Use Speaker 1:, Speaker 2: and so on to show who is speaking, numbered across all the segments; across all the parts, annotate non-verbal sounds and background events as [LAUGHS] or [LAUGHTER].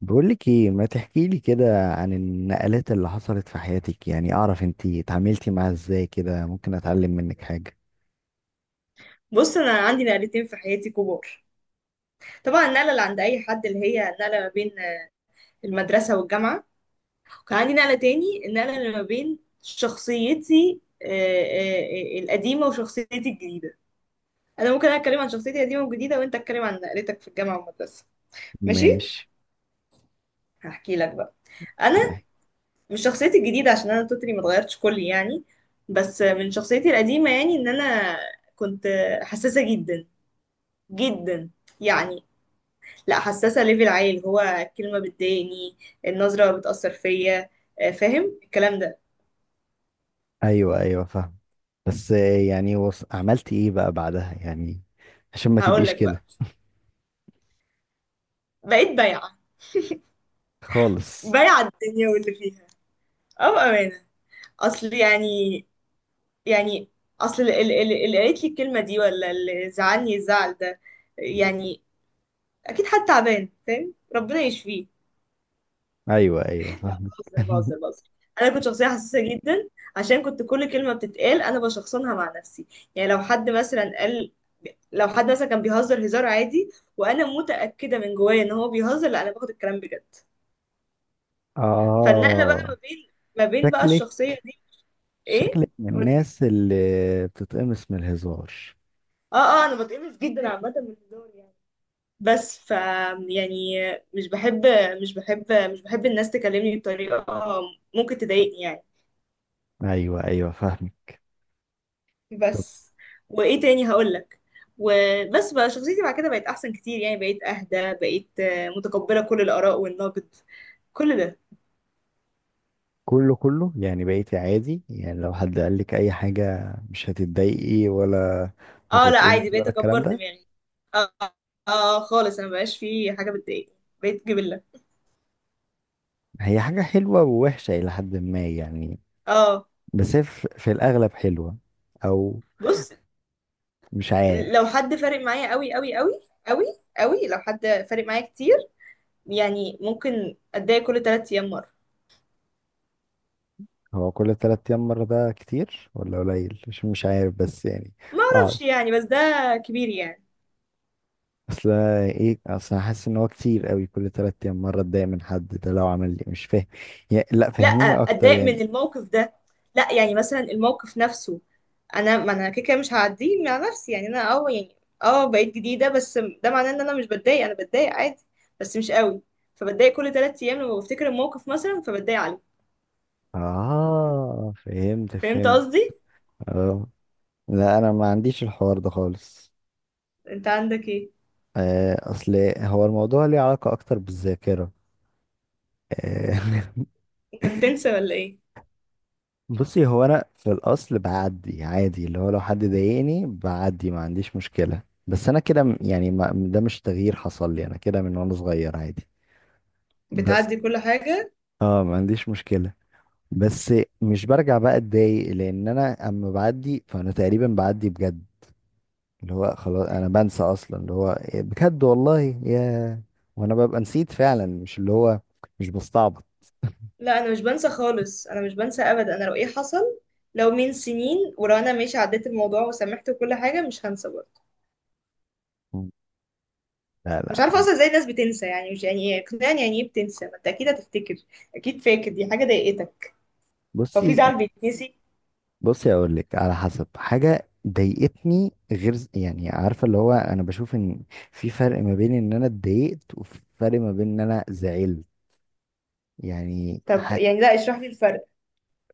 Speaker 1: بقولك ايه، ما تحكيلي كده عن النقلات اللي حصلت في حياتك؟ يعني اعرف انتي اتعاملتي معاها ازاي، كده ممكن اتعلم منك حاجة.
Speaker 2: بص انا عندي نقلتين في حياتي كبار. طبعا النقله اللي عند اي حد اللي هي النقله ما بين المدرسه والجامعه، وكان عندي نقله تاني، النقله اللي ما بين شخصيتي القديمه وشخصيتي الجديده. انا ممكن اتكلم عن شخصيتي القديمه والجديده وانت اتكلم عن نقلتك في الجامعه والمدرسه. ماشي،
Speaker 1: ماشي.
Speaker 2: هحكي لك بقى. انا مش شخصيتي الجديده عشان انا توتالي ما اتغيرتش كلي يعني، بس من شخصيتي القديمه، يعني ان انا كنت حساسه جدا جدا يعني، لا حساسة ليفل عالي، اللي هو الكلمة بتضايقني، النظرة بتأثر فيا. فاهم الكلام ده؟
Speaker 1: ايوه ايوه، فاهم. بس يعني عملتي ايه بقى بعدها يعني؟ عشان ما
Speaker 2: هقول
Speaker 1: تبقيش
Speaker 2: لك
Speaker 1: كده
Speaker 2: بقى. بقيت بايعة،
Speaker 1: خالص.
Speaker 2: بايعة الدنيا واللي فيها. اه بأمانة، اصل يعني، يعني اصل اللي قالت لي الكلمة دي ولا اللي زعلني الزعل ده، يعني اكيد حد تعبان، فاهم؟ ربنا يشفيه.
Speaker 1: ايوه ايوه، فاهمك.
Speaker 2: بهزر
Speaker 1: [LAUGHS]
Speaker 2: بهزر بهزر. انا كنت شخصيه حساسه جدا عشان كنت كل كلمه بتتقال انا بشخصنها مع نفسي. يعني لو حد مثلا قال، لو حد مثلا كان بيهزر هزار عادي وانا متاكده من جوايا ان هو بيهزر، لا انا باخد الكلام بجد. فالنقله بقى
Speaker 1: اه،
Speaker 2: ما بين، بقى
Speaker 1: شكلك،
Speaker 2: الشخصيه دي. ايه؟
Speaker 1: شكلك من
Speaker 2: قولي.
Speaker 1: الناس اللي بتتقمص من الهزار.
Speaker 2: اه اه، انا بتقمص جدا عامه من الهزار يعني. بس ف، يعني، مش بحب، مش بحب الناس تكلمني بطريقه ممكن تضايقني يعني.
Speaker 1: ايوه ايوه، فاهمك.
Speaker 2: بس، وايه تاني هقول لك؟ وبس بقى شخصيتي بعد كده بقت احسن كتير يعني، بقيت اهدى، بقيت متقبله كل الاراء والنقد، كل ده.
Speaker 1: كله كله يعني بقيتي عادي؟ يعني لو حد قال لك اي حاجة مش هتتضايقي ولا
Speaker 2: اه لا عادي،
Speaker 1: هتتقمصي
Speaker 2: بقيت
Speaker 1: ولا الكلام
Speaker 2: اكبر
Speaker 1: ده؟
Speaker 2: دماغي. اه، اه خالص، انا مبقاش في حاجه بتضايقني، بقيت جبله.
Speaker 1: هي حاجة حلوة ووحشة الى حد ما يعني.
Speaker 2: اه.
Speaker 1: بس هي في الاغلب حلوة، او
Speaker 2: بص،
Speaker 1: مش
Speaker 2: لو
Speaker 1: عارف.
Speaker 2: حد فارق معايا قوي قوي قوي قوي قوي، لو حد فارق معايا كتير، يعني ممكن اتضايق كل ثلاث ايام مره.
Speaker 1: هو كل تلات ايام مرة ده كتير ولا قليل؟ مش عارف بس يعني.
Speaker 2: ما
Speaker 1: اه،
Speaker 2: اعرفش يعني، بس ده كبير يعني.
Speaker 1: اصل ايه، اصل أنا حاسس ان هو كتير قوي كل تلات ايام مرة اتضايق من حد ده، لو عمل لي مش فاهم يعني، لا
Speaker 2: لا،
Speaker 1: فهميني اكتر
Speaker 2: اتضايق من
Speaker 1: يعني.
Speaker 2: الموقف ده، لا يعني مثلا الموقف نفسه انا، ما انا كده كده مش هعديه مع نفسي يعني. انا اه يعني، اه بقيت جديده، بس ده معناه ان انا مش بتضايق؟ انا بتضايق عادي بس مش قوي. فبتضايق كل ثلاث ايام لما بفتكر الموقف مثلا فبتضايق عليه.
Speaker 1: اه، فهمت
Speaker 2: فهمت
Speaker 1: فهمت.
Speaker 2: قصدي؟
Speaker 1: اه لا، انا ما عنديش الحوار ده خالص.
Speaker 2: انت عندك ايه؟
Speaker 1: اصل هو الموضوع ليه علاقة اكتر بالذاكرة. آه،
Speaker 2: انت بتنسى ولا ايه؟
Speaker 1: [LAUGHS] بصي، هو انا في الاصل بعدي عادي، اللي هو لو حد ضايقني بعدي ما عنديش مشكلة، بس انا كده يعني، ما ده مش تغيير حصل لي، انا كده من وانا صغير عادي. بس
Speaker 2: بتعدي كل حاجه؟
Speaker 1: اه، ما عنديش مشكلة. بس مش برجع بقى اتضايق، لان انا اما بعدي فانا تقريبا بعدي بجد، اللي هو خلاص انا بنسى اصلا، اللي هو إيه بجد والله يا، وانا ببقى نسيت فعلا، مش اللي هو مش بستعبط.
Speaker 2: لا انا مش بنسى خالص، انا مش بنسى ابدا. انا لو ايه حصل، لو من سنين، ولو انا ماشي عديت الموضوع وسامحت وكل حاجه، مش هنسى برضه.
Speaker 1: مم. لا
Speaker 2: مش
Speaker 1: لا.
Speaker 2: عارفه اصلا ازاي الناس بتنسى يعني، مش يعني ايه؟ اقنعني يعني ايه بتنسى؟ ما انت اكيد هتفتكر، اكيد فاكر دي حاجه ضايقتك. هو في
Speaker 1: بصي،
Speaker 2: زعل بيتنسي؟
Speaker 1: بصي اقول لك، على حسب حاجه ضايقتني، غير يعني، عارفه اللي هو انا بشوف ان في فرق ما بين ان انا اتضايقت وفي فرق ما بين ان انا زعلت. يعني
Speaker 2: طب يعني لا اشرح لي الفرق.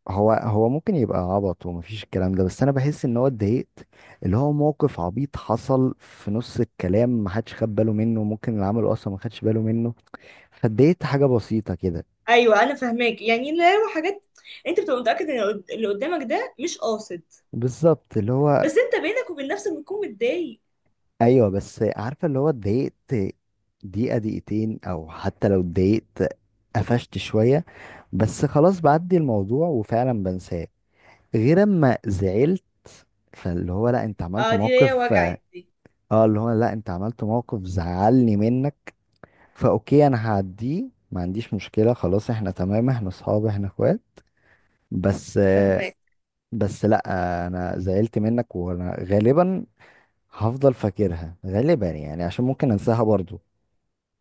Speaker 1: هو، هو ممكن يبقى عبط ومفيش الكلام ده، بس انا بحس ان هو اتضايقت، اللي هو موقف عبيط حصل في نص الكلام محدش خد باله منه، ممكن اللي عمله اصلا ما خدش باله منه، فاتضايقت حاجة بسيطة كده.
Speaker 2: ايوه انا فاهماك، يعني لا هو حاجات. انت بتبقى متاكد ان اللي قدامك ده مش قاصد،
Speaker 1: بالظبط اللي هو.
Speaker 2: بس انت بينك وبين نفسك بتكون متضايق.
Speaker 1: ايوه بس عارفة اللي هو اتضايقت دقيقة دقيقتين، او حتى لو اتضايقت قفشت شوية، بس خلاص بعدي الموضوع وفعلا بنساه. غير اما زعلت، فاللي هو لا انت عملت
Speaker 2: اه دي هي،
Speaker 1: موقف، اه
Speaker 2: وجعت دي.
Speaker 1: اللي هو لا انت عملت موقف زعلني منك، فاوكي انا هعديه ما عنديش مشكلة، خلاص احنا تمام، احنا اصحاب، احنا اخوات، بس
Speaker 2: فاهماك.
Speaker 1: بس لا، انا زعلت منك وانا غالبا هفضل فاكرها غالبا يعني، عشان ممكن انساها برضو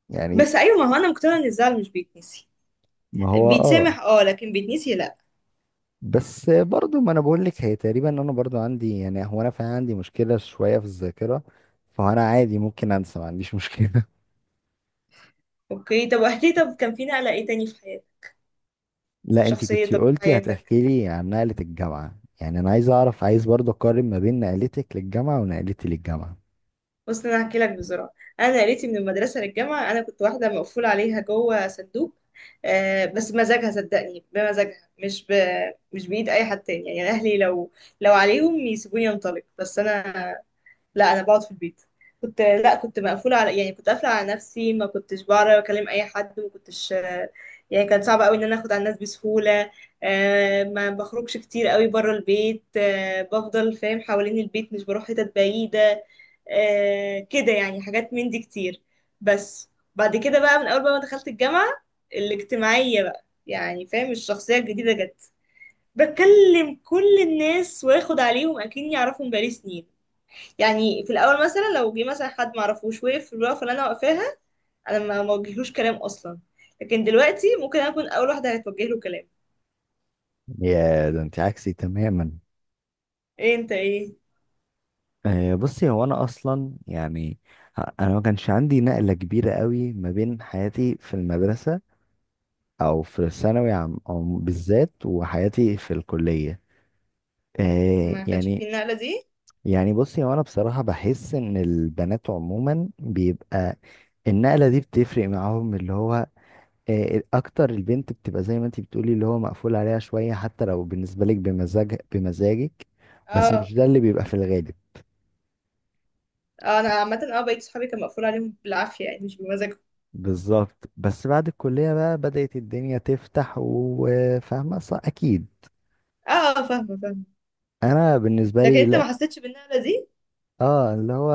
Speaker 1: يعني.
Speaker 2: بس ايوه، ما هو انا مقتنعه ان الزعل مش بيتنسي،
Speaker 1: ما هو اه،
Speaker 2: بيتسامح اه لكن بيتنسي لا.
Speaker 1: بس برضو ما انا بقول لك، هي تقريبا انا برضو عندي يعني، هو انا فعلا عندي مشكلة شوية في الذاكرة، فانا عادي ممكن انسى، ما عنديش مشكلة.
Speaker 2: اوكي، طب واحكي، طب كان في نقله ايه تاني في حياتك؟
Speaker 1: [LAUGHS] لا
Speaker 2: في
Speaker 1: انتي كنتي
Speaker 2: شخصيتك، في
Speaker 1: قلتي
Speaker 2: حياتك.
Speaker 1: هتحكي لي عن نقلة الجامعة، يعني انا عايز اعرف، عايز برضو اقارن ما بين نقلتك للجامعة ونقلتي للجامعة.
Speaker 2: بص انا هحكي لك بسرعه. انا قريتي من المدرسه للجامعه، انا كنت واحده مقفول عليها جوه صندوق، آه بس مزاجها، صدقني بمزاجها، مش بايد اي حد تاني يعني. اهلي لو، لو عليهم يسيبوني انطلق، بس انا لا، انا بقعد في البيت. كنت، لا كنت مقفوله على، يعني كنت قافله على نفسي، ما كنتش بعرف اكلم اي حد، ما كنتش، يعني كان صعب قوي ان انا اخد على الناس بسهوله. ما بخرجش كتير قوي بره البيت، بفضل فاهم حوالين البيت، مش بروح حتت بعيده، كده يعني، حاجات من دي كتير. بس بعد كده بقى، من اول بقى ما دخلت الجامعه، الاجتماعيه بقى يعني، فاهم؟ الشخصيه الجديده جت، بكلم كل الناس واخد عليهم اكني اعرفهم بقالي سنين. يعني في الاول مثلا لو جه مثلا حد معرفوش وقف في الوقفه اللي انا واقفاها، انا ما موجهلوش كلام اصلا، لكن دلوقتي ممكن انا اكون اول واحده هتوجه له كلام.
Speaker 1: يا ده انت عكسي تماما.
Speaker 2: ايه؟ انت ايه؟
Speaker 1: بصي هو انا اصلا يعني، انا ما كانش عندي نقلة كبيرة قوي ما بين حياتي في المدرسة او في الثانوي عام أو بالذات وحياتي في الكلية. آه
Speaker 2: ما كانش في
Speaker 1: يعني،
Speaker 2: النقله دي؟
Speaker 1: يعني بصي هو انا بصراحة بحس ان البنات عموما بيبقى النقلة دي بتفرق معاهم، اللي هو آه اكتر، البنت بتبقى زي ما انت بتقولي اللي هو مقفول عليها شوية، حتى لو بالنسبة لك بمزاج، بمزاجك. بس
Speaker 2: اه،
Speaker 1: مش ده اللي بيبقى في الغالب.
Speaker 2: انا عامه اه بقيت صحابي كان مقفول عليهم بالعافيه يعني، مش بمزاجهم.
Speaker 1: بالظبط. بس بعد الكلية بقى بدأت الدنيا تفتح وفاهمة صح أكيد.
Speaker 2: اه، فاهمه فاهمه.
Speaker 1: أنا بالنسبة
Speaker 2: لكن
Speaker 1: لي
Speaker 2: انت ما
Speaker 1: لا.
Speaker 2: حسيتش بالنقله دي.
Speaker 1: اه اللي هو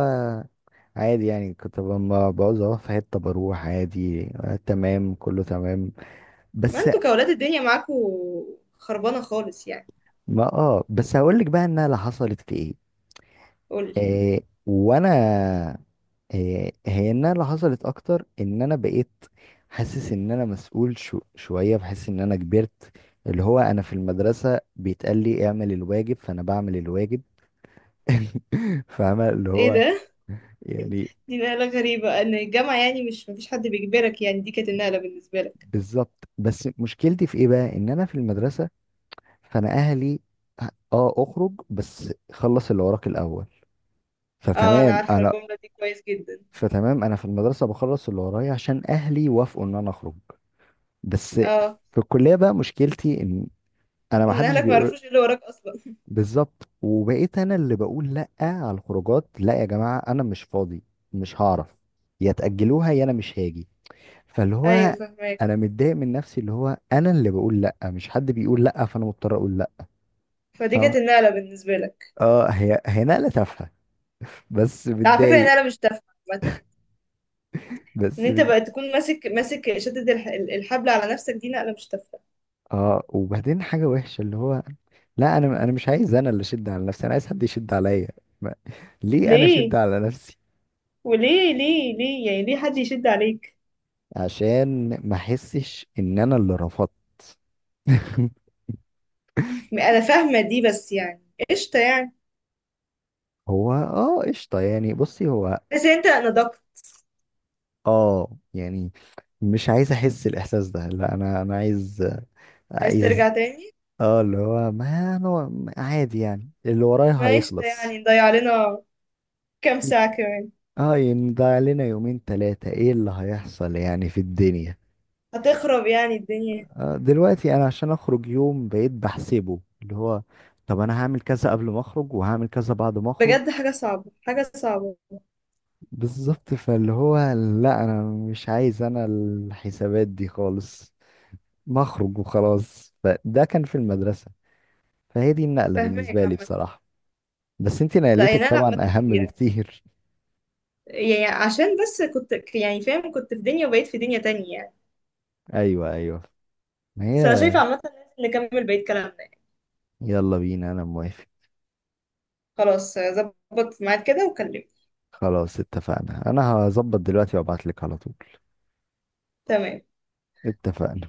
Speaker 1: عادي يعني، كنت لما بعوز اروح في حته بروح عادي، آه تمام كله تمام.
Speaker 2: ما
Speaker 1: بس
Speaker 2: انتوا كاولاد الدنيا معاكوا خربانه خالص يعني.
Speaker 1: ما اه، بس هقول لك بقى انها اللي حصلت في ايه.
Speaker 2: قولي.
Speaker 1: آه وانا، آه هي انها اللي حصلت اكتر ان انا بقيت حاسس ان انا مسؤول، شويه بحس ان انا كبرت. اللي هو انا في المدرسه بيتقال لي اعمل الواجب فانا بعمل الواجب. [LAUGHS] فاهمه اللي
Speaker 2: ايه
Speaker 1: هو
Speaker 2: ده؟
Speaker 1: يعني.
Speaker 2: دي نقله غريبه، ان الجامعه يعني مش مفيش حد بيجبرك، يعني دي كانت النقله بالنسبه لك.
Speaker 1: بالظبط بس مشكلتي في ايه بقى، ان انا في المدرسه فانا اهلي اه اخرج بس خلص اللي وراك الاول،
Speaker 2: اه انا
Speaker 1: فتمام
Speaker 2: عارفه
Speaker 1: انا،
Speaker 2: الجمله دي كويس جدا.
Speaker 1: فتمام انا في المدرسه بخلص اللي ورايا عشان اهلي وافقوا ان انا اخرج. بس
Speaker 2: اه،
Speaker 1: في الكليه بقى مشكلتي ان انا ما
Speaker 2: ان
Speaker 1: حدش
Speaker 2: اهلك ما
Speaker 1: بيقول.
Speaker 2: يعرفوش ايه اللي وراك اصلا.
Speaker 1: بالظبط، وبقيت انا اللي بقول لا على الخروجات، لا يا جماعه انا مش فاضي، مش هعرف، يا تاجلوها يا انا مش هاجي. فاللي
Speaker 2: ايوه
Speaker 1: هو انا
Speaker 2: فاهماك.
Speaker 1: متضايق من نفسي، اللي هو انا اللي بقول لا مش حد بيقول لا، فانا مضطر اقول لا.
Speaker 2: فدي كانت
Speaker 1: فاهم.
Speaker 2: النقله بالنسبه لك.
Speaker 1: اه، هي هي نقله تافهه. [LAUGHS] بس
Speaker 2: على فكره
Speaker 1: متضايق.
Speaker 2: النقله مش تافهه عامه،
Speaker 1: بس
Speaker 2: ان انت
Speaker 1: مت...
Speaker 2: بقى تكون ماسك، شدد الحبل على نفسك، دي نقله مش تافهه.
Speaker 1: اه وبعدين حاجة وحشة اللي هو، لا انا، انا مش عايز انا اللي اشد على نفسي، انا عايز حد يشد عليا. ما... ليه انا اشد
Speaker 2: ليه؟
Speaker 1: على نفسي؟
Speaker 2: وليه ليه ليه يعني ليه حد يشد عليك؟
Speaker 1: عشان ما احسش ان انا اللي رفضت. [LAUGHS]
Speaker 2: انا فاهمه دي، بس يعني قشطه يعني.
Speaker 1: هو اه قشطة يعني، بصي هو
Speaker 2: بس انت نضجت.
Speaker 1: اه يعني، مش عايز احس الاحساس ده، لا انا، انا عايز،
Speaker 2: عايز ترجع
Speaker 1: عايز،
Speaker 2: تاني؟
Speaker 1: اه اللي هو ما انا عادي يعني، اللي ورايا
Speaker 2: ما قشطه
Speaker 1: هيخلص.
Speaker 2: يعني، نضيع لنا كام ساعه كمان.
Speaker 1: اه، ينضيع لنا يومين تلاتة، ايه اللي هيحصل يعني في الدنيا؟
Speaker 2: هتخرب يعني الدنيا؟
Speaker 1: آه دلوقتي انا عشان اخرج يوم بقيت بحسبه، اللي هو طب انا هعمل كذا قبل ما اخرج وهعمل كذا بعد ما اخرج.
Speaker 2: بجد حاجه صعبه، حاجه صعبه.
Speaker 1: بالظبط، فاللي هو لا انا مش عايز انا الحسابات دي خالص، ما اخرج وخلاص. فده كان في المدرسة، فهي دي النقلة
Speaker 2: فاهماك
Speaker 1: بالنسبة لي
Speaker 2: عامه.
Speaker 1: بصراحة. بس انتي
Speaker 2: لا هي
Speaker 1: نقلتك
Speaker 2: نقله
Speaker 1: طبعا
Speaker 2: عامه
Speaker 1: اهم
Speaker 2: كبيره،
Speaker 1: بكتير.
Speaker 2: يعني عشان بس كنت يعني فاهم، كنت في دنيا وبقيت في دنيا تانية يعني.
Speaker 1: [LAUGHS] ايوه ايوه، ما
Speaker 2: بس انا
Speaker 1: هي.
Speaker 2: شايفة عامة لازم نكمل بقية كلامنا يعني.
Speaker 1: يلا بينا، انا موافق.
Speaker 2: خلاص ظبط معاك كده وكلمني.
Speaker 1: خلاص اتفقنا، انا هظبط دلوقتي وابعت لك على طول.
Speaker 2: تمام.
Speaker 1: اتفقنا.